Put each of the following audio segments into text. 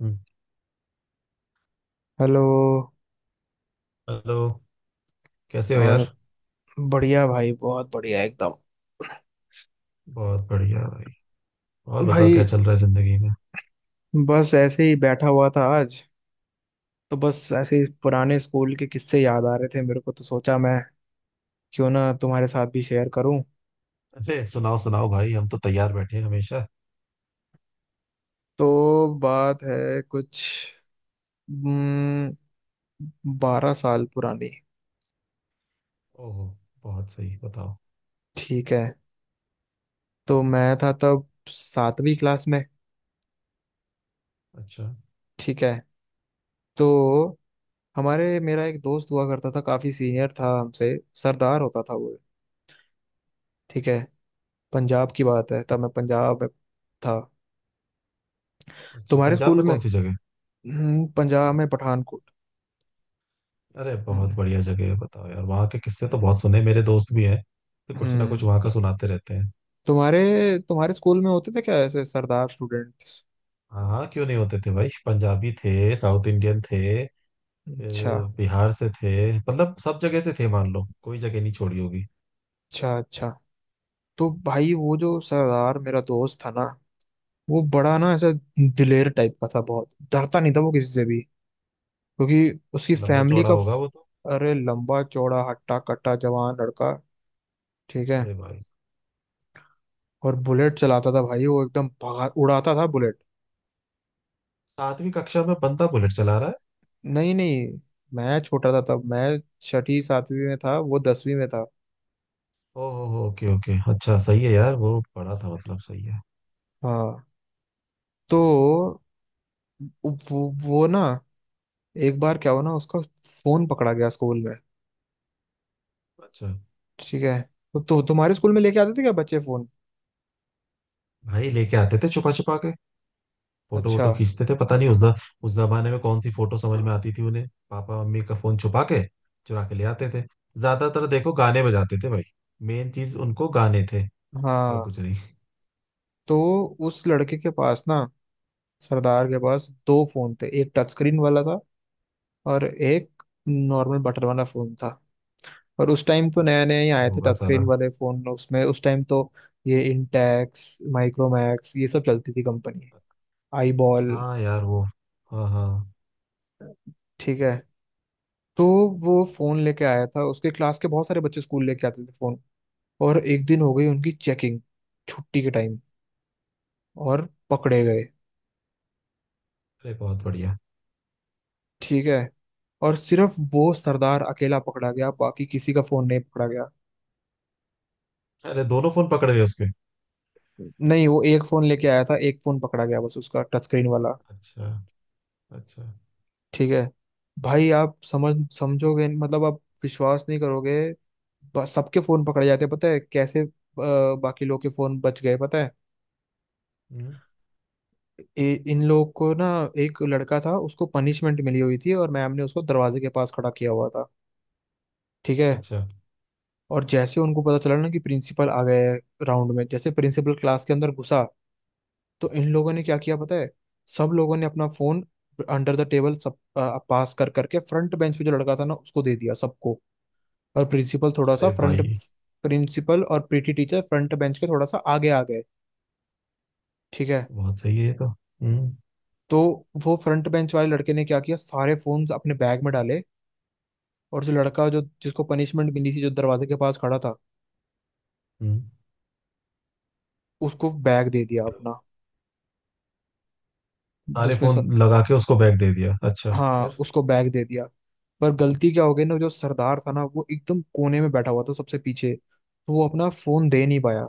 हम्म, hello. Hello. कैसे हो और यार। बढ़िया भाई, बहुत बढ़िया एकदम। बहुत बढ़िया भाई। और बताओ भाई, क्या चल रहा है जिंदगी में। बस ऐसे ही बैठा हुआ था आज, तो बस ऐसे ही पुराने स्कूल के किस्से याद आ रहे थे मेरे को, तो सोचा मैं क्यों ना तुम्हारे साथ भी शेयर करूं। अरे सुनाओ सुनाओ भाई, हम तो तैयार बैठे हैं हमेशा। तो बात है कुछ 12 साल पुरानी। ओहो, बहुत सही, बताओ। ठीक है, तो मैं था तब 7वीं क्लास में। अच्छा। ठीक है, तो हमारे मेरा एक दोस्त हुआ करता था, काफी सीनियर था हमसे। सरदार होता था वो। ठीक है, पंजाब की बात है, तब मैं पंजाब में था। अच्छा तुम्हारे पंजाब स्कूल में में। कौन सी जगह। पंजाब में पठानकोट। अरे बहुत हम्म। बढ़िया जगह है, बताओ यार, वहाँ के किस्से तो बहुत सुने, मेरे दोस्त भी हैं तो कुछ ना हम्म, कुछ वहाँ का सुनाते रहते हैं। तुम्हारे तुम्हारे स्कूल में होते थे क्या ऐसे सरदार स्टूडेंट्स। हाँ हाँ, क्यों नहीं होते थे भाई, पंजाबी थे, साउथ इंडियन थे, अच्छा, फिर बिहार से थे, मतलब सब जगह से थे, मान लो कोई जगह नहीं छोड़ी होगी। अच्छा, अच्छा। तो भाई वो जो सरदार मेरा दोस्त था ना, वो बड़ा ना ऐसा दिलेर टाइप का था, बहुत डरता नहीं था वो किसी से भी, क्योंकि उसकी लंबा फैमिली चौड़ा का। होगा वो तो। अरे लंबा चौड़ा हट्टा कट्टा जवान लड़का। ठीक है, अरे भाई। और बुलेट चलाता था भाई, वो एकदम भगा उड़ाता था बुलेट। सातवीं कक्षा में बंदा बुलेट चला रहा है। नहीं नहीं, मैं छोटा था तब, मैं 6ठी 7वीं में था, वो 10वीं में था। ओहो हो, ओके ओके, अच्छा सही है यार, वो पढ़ा था मतलब, सही है। हाँ, तो वो ना, एक बार क्या हुआ ना, उसका फोन पकड़ा गया स्कूल में। अच्छा। ठीक है, तो तुम्हारे स्कूल में लेके आते थे क्या बच्चे फोन। भाई लेके आते थे, छुपा छुपा के फोटो अच्छा। वोटो खींचते थे, पता नहीं उस जमाने में कौन सी फोटो समझ में आती थी उन्हें। पापा मम्मी का फोन छुपा के चुरा के ले आते थे। ज्यादातर देखो गाने बजाते थे भाई, मेन चीज उनको गाने थे और हाँ, कुछ नहीं। तो उस लड़के के पास ना, सरदार के पास दो फोन थे, एक टच स्क्रीन वाला था और एक नॉर्मल बटन वाला फोन था। और उस टाइम तो नया नया ही आए थे होगा टच स्क्रीन साला। वाले फोन, उसमें उस टाइम तो ये इंटेक्स, माइक्रोमैक्स ये सब चलती थी कंपनी, आई बॉल। हाँ यार वो। हाँ हाँ। ठीक है, तो वो फोन लेके आया था, उसके क्लास के बहुत सारे बच्चे स्कूल लेके आते थे फोन। और एक दिन हो गई उनकी चेकिंग छुट्टी के टाइम, और पकड़े गए। अरे बहुत बढ़िया। ठीक है, और सिर्फ वो सरदार अकेला पकड़ा गया, बाकी किसी का फोन नहीं पकड़ा गया। अरे दोनों फोन पकड़े हुए उसके। नहीं, वो एक फोन लेके आया था, एक फोन पकड़ा गया बस, उसका टच स्क्रीन वाला। अच्छा। अच्छा। ठीक है, भाई आप समझ समझोगे, मतलब आप विश्वास नहीं करोगे। सबके फोन पकड़े जाते हैं पता है कैसे। बाकी लोग के फोन बच गए पता है। हम्म। इन लोग को ना, एक लड़का था उसको पनिशमेंट मिली हुई थी, और मैम ने उसको दरवाजे के पास खड़ा किया हुआ था। ठीक है, अच्छा। और जैसे उनको पता चला ना कि प्रिंसिपल आ गए राउंड में, जैसे प्रिंसिपल क्लास के अंदर घुसा, तो इन लोगों ने क्या किया पता है, सब लोगों ने अपना फोन अंडर द टेबल सब पास कर करके फ्रंट बेंच पे जो लड़का था ना उसको दे दिया, सबको। और प्रिंसिपल थोड़ा सा अरे फ्रंट, भाई। प्रिंसिपल और पीटी टीचर फ्रंट बेंच के थोड़ा सा आगे आ गए। ठीक है, बहुत सही है ये तो। हम्म। तो वो फ्रंट बेंच वाले लड़के ने क्या किया, सारे फोन्स अपने बैग में डाले, और जो जिसको पनिशमेंट मिली थी, जो दरवाजे के पास खड़ा था, हम्म, उसको बैग दे दिया अपना। अरे जिसमें स... फोन लगा के उसको बैग दे दिया, अच्छा। हाँ फिर। उसको बैग दे दिया। पर गलती क्या हो गई ना, जो सरदार था ना, वो एकदम कोने में बैठा हुआ था सबसे पीछे, तो वो अपना फोन दे नहीं पाया।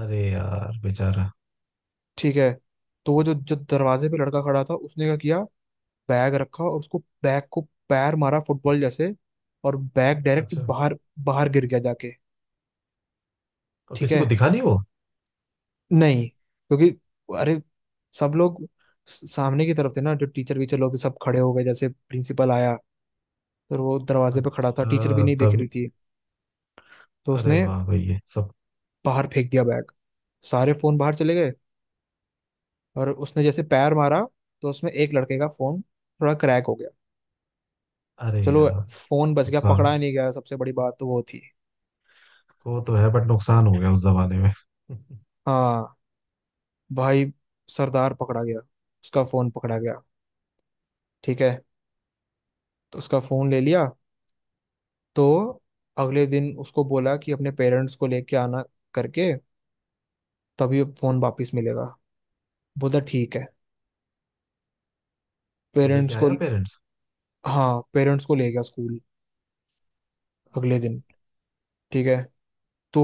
अरे यार बेचारा। ठीक है, तो वो जो जो दरवाजे पे लड़का खड़ा था उसने क्या किया, बैग रखा और उसको बैग को पैर मारा फुटबॉल जैसे, और बैग डायरेक्ट अच्छा। बाहर, बाहर गिर गया जाके। और ठीक किसी को है, दिखा नहीं वो। नहीं क्योंकि, अरे सब लोग सामने की तरफ थे ना, जो टीचर वीचर लोग थे, सब खड़े हो गए जैसे प्रिंसिपल आया, तो वो दरवाजे पे खड़ा था, टीचर भी अच्छा नहीं देख रही तभी। थी, तो अरे उसने वाह भाई ये सब। बाहर फेंक दिया बैग, सारे फोन बाहर चले गए। और उसने जैसे पैर मारा तो उसमें एक लड़के का फोन थोड़ा क्रैक हो गया। अरे चलो, यार। फोन बच गया नुकसान। पकड़ा नहीं गया, सबसे बड़ी बात तो वो थी। वो तो है, बट नुकसान हो गया उस जमाने में हाँ, भाई सरदार पकड़ा गया, उसका फोन पकड़ा गया। ठीक है, तो उसका फोन ले लिया। तो अगले दिन उसको बोला कि अपने पेरेंट्स को लेके आना करके, तभी फोन वापस मिलेगा। बोला ठीक है। वो लेके पेरेंट्स को, आया पेरेंट्स। हाँ पेरेंट्स को ले गया स्कूल अगले अरे। दिन। ठीक है, तो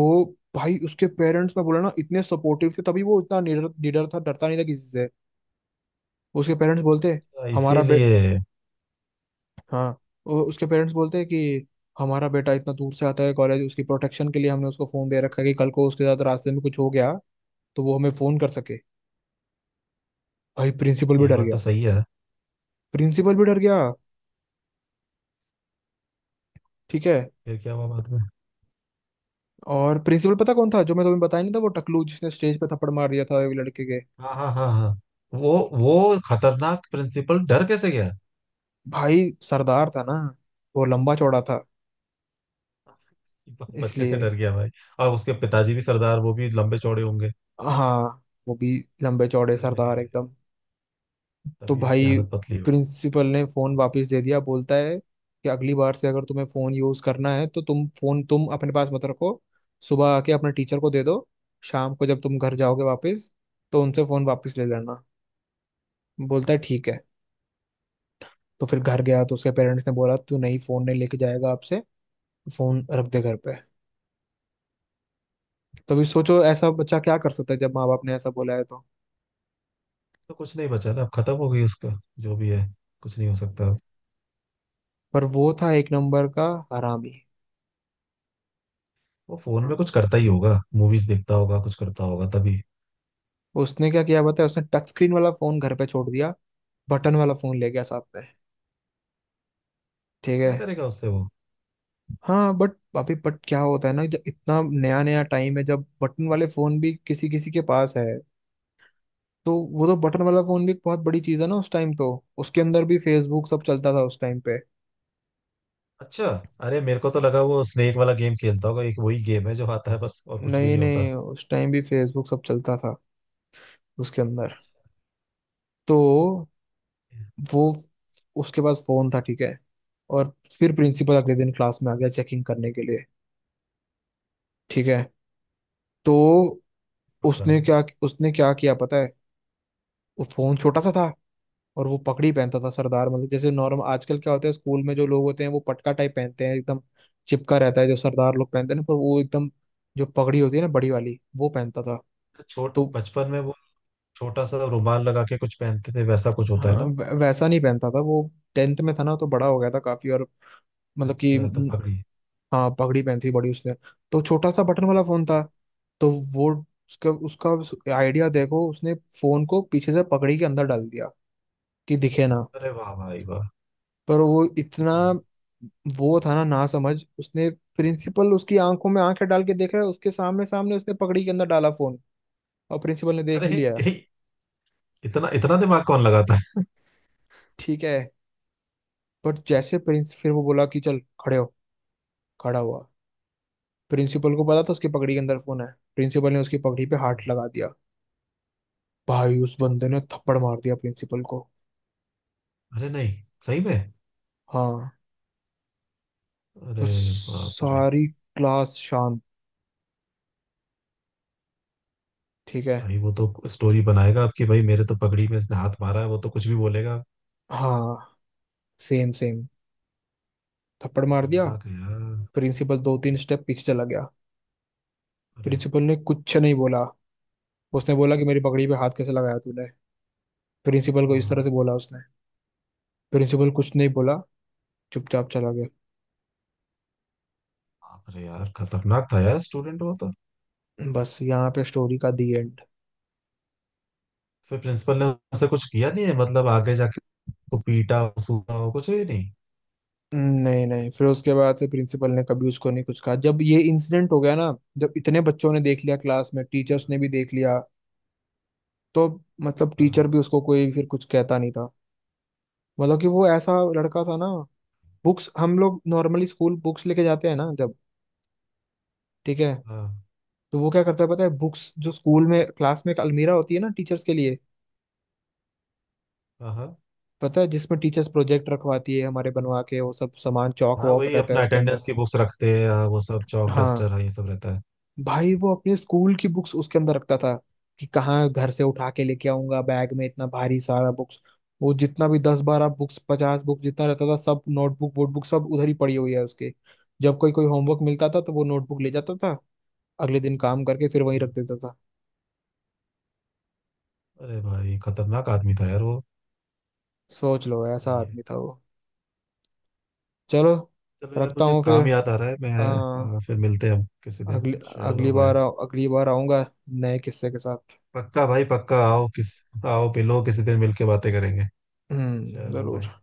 भाई उसके पेरेंट्स मैं बोला ना इतने सपोर्टिव थे, तभी वो इतना निडर निडर था, डरता नहीं था किसी से। उसके पेरेंट्स बोलते, अच्छा, हमारा बे इसीलिए। हाँ उसके पेरेंट्स बोलते हैं कि हमारा बेटा इतना दूर से आता है कॉलेज, उसकी प्रोटेक्शन के लिए हमने उसको फोन दे रखा है, कि कल को उसके साथ रास्ते में कुछ हो गया तो वो हमें फोन कर सके। भाई प्रिंसिपल भी ये डर बात गया, तो सही है। प्रिंसिपल भी डर गया। ठीक है, फिर क्या हुआ बाद में। और प्रिंसिपल पता कौन था जो मैं तुम्हें बताया नहीं था, वो टकलू जिसने स्टेज पे थप्पड़ मार दिया था एक लड़के के। हाँ हाँ हाँ हाँ। वो। वो खतरनाक प्रिंसिपल डर कैसे गया। भाई सरदार था ना, वो लंबा चौड़ा था बच्चे से इसलिए। डर गया भाई। और उसके पिताजी भी सरदार, वो भी लंबे चौड़े होंगे। हाँ वो भी लंबे चौड़े सरदार अरे। एकदम। तो तभी उसकी भाई हालत पतली होगी। प्रिंसिपल ने फोन वापस दे दिया, बोलता है कि अगली बार से अगर तुम्हें फोन यूज करना है तो तुम फोन तुम अपने पास मत रखो, सुबह आके अपने टीचर को दे दो, शाम को जब तुम घर जाओगे वापस तो उनसे फोन वापस ले लेना। बोलता है ठीक है। तो फिर घर गया तो उसके पेरेंट्स ने बोला तू नहीं फोन नहीं लेके जाएगा आपसे, फोन रख दे घर पे। तो अभी सोचो ऐसा बच्चा क्या कर सकता है जब माँ बाप ने ऐसा बोला है तो। तो कुछ नहीं बचा ना, अब खत्म हो गई उसका, जो भी है, कुछ नहीं हो सकता अब। पर वो था एक नंबर का हरामी। वो फोन में कुछ करता ही होगा, मूवीज देखता होगा, कुछ करता होगा तभी। उसने क्या किया बताया, उसने टच स्क्रीन वाला फोन घर पे छोड़ दिया, बटन वाला फोन ले गया साथ में। ठीक है। क्या करेगा उससे वो। हाँ बट, अभी बट क्या होता है ना, जब इतना नया नया टाइम है जब बटन वाले फोन भी किसी किसी के पास है, तो वो तो बटन वाला फोन भी बहुत बड़ी चीज है ना उस टाइम तो। उसके अंदर भी फेसबुक सब चलता था उस टाइम पे। अच्छा। अरे मेरे को तो लगा वो स्नेक वाला गेम खेलता होगा, एक वही गेम है जो आता है बस, और कुछ भी नहीं नहीं होता। नहीं, उस टाइम भी फेसबुक सब चलता था उसके अंदर। अच्छा। तो वो, उसके पास फोन था ठीक है। और फिर प्रिंसिपल अगले दिन क्लास में आ गया चेकिंग करने के लिए। ठीक है, तो पकड़ा। उसने क्या किया पता है, वो फोन छोटा सा था। और वो पगड़ी पहनता था सरदार, मतलब जैसे नॉर्मल आजकल क्या होता है स्कूल में, जो लोग होते हैं वो पटका टाइप पहनते हैं, एकदम चिपका रहता है, जो सरदार लोग पहनते हैं ना, पर वो एकदम जो पगड़ी होती है ना बड़ी वाली वो पहनता था। छोट तो बचपन में वो छोटा सा रुमाल लगा के कुछ पहनते थे, वैसा कुछ होता है हाँ, ना। वैसा नहीं पहनता था वो। टेंथ में था ना तो बड़ा हो गया था काफी और, मतलब कि अच्छा तो पगड़ी। हाँ पगड़ी पहनती थी बड़ी उसने। तो छोटा सा बटन वाला फोन था। तो वो, उसका उसका आइडिया देखो, उसने फोन को पीछे से पगड़ी के अंदर डाल दिया, कि दिखे ना। अरे वाह भाई वाह। पर वो इतना, अच्छा। वो था ना ना समझ, उसने, प्रिंसिपल उसकी आंखों में आंखें डाल के देख रहा है उसके सामने सामने, उसने पगड़ी के अंदर डाला फोन, और प्रिंसिपल ने देख अरे, भी लिया। ए, इतना इतना दिमाग कौन लगाता है। ठीक है, पर जैसे प्रिंस, फिर वो बोला कि चल खड़े हो, खड़ा हुआ, प्रिंसिपल को पता था उसकी पगड़ी के अंदर फोन है, प्रिंसिपल ने उसकी पगड़ी पे हाथ लगा दिया। भाई उस बंदे ने थप्पड़ मार दिया प्रिंसिपल को। अरे नहीं, सही में। हाँ, अरे। उस, बाप रे। सारी क्लास शांत। ठीक है। भाई वो तो स्टोरी बनाएगा आपकी भाई, मेरे तो पगड़ी में इसने हाथ मारा है, वो तो कुछ भी बोलेगा। हाँ, सेम सेम, थप्पड़ मार दिया। खतरनाक है यार। प्रिंसिपल दो तीन स्टेप पीछे चला गया। अरे। प्रिंसिपल ने कुछ नहीं बोला। उसने बोला कि मेरी पगड़ी पे हाथ कैसे लगाया तूने, प्रिंसिपल को इस तरह से हाँ, बोला उसने। प्रिंसिपल कुछ नहीं बोला, चुपचाप चला बाप रे यार, खतरनाक था यार स्टूडेंट वो तो। गया। बस यहाँ पे स्टोरी का दी एंड। फिर प्रिंसिपल ने उसे कुछ किया नहीं है मतलब, आगे जाके उसको पीटा सूटा हो, कुछ भी नहीं। नहीं नहीं, फिर उसके बाद से प्रिंसिपल ने कभी उसको नहीं कुछ कहा, जब ये इंसिडेंट हो गया ना, जब इतने बच्चों ने देख लिया क्लास में, टीचर्स ने भी देख लिया, तो मतलब टीचर हाँ। भी उसको कोई फिर कुछ कहता नहीं था। मतलब कि वो ऐसा लड़का था ना, बुक्स हम लोग नॉर्मली स्कूल बुक्स लेके जाते हैं ना जब, ठीक है, हाँ तो वो क्या करता है पता है, बुक्स जो स्कूल में क्लास में एक अलमीरा होती है ना टीचर्स के लिए, हाँ हाँ पता है जिसमें टीचर्स प्रोजेक्ट रखवाती है हमारे बनवा के, वो सब सामान चौक हाँ। वॉक वही रहता है अपना उसके अंदर। अटेंडेंस की बुक्स रखते हैं, हाँ, वो सब चौक हाँ, डस्टर है ये सब रहता है। भाई वो अपने स्कूल की बुक्स उसके अंदर रखता था, कि कहाँ घर से उठा के लेके आऊंगा बैग में इतना भारी सारा बुक्स। वो जितना भी 10 12 बुक्स, 50 बुक्स जितना रहता था, सब नोटबुक वोटबुक सब उधर ही पड़ी हुई है उसके। जब कोई कोई होमवर्क मिलता था तो वो नोटबुक ले जाता था, अगले दिन काम करके फिर वहीं हम्म, रख देता था। अरे भाई खतरनाक आदमी था यार वो। सोच लो ऐसा सही है। आदमी था वो। चलो, चलो यार, रखता मुझे हूँ फिर। काम याद आ रहा है, मैं हाँ, फिर मिलते हैं हम किसी दिन। अगली, चलो भाई। अगली बार आऊंगा नए किस्से के साथ। पक्का भाई पक्का, आओ मिलो किसी दिन, मिलके बातें करेंगे। हम्म, चलो भाई। जरूर।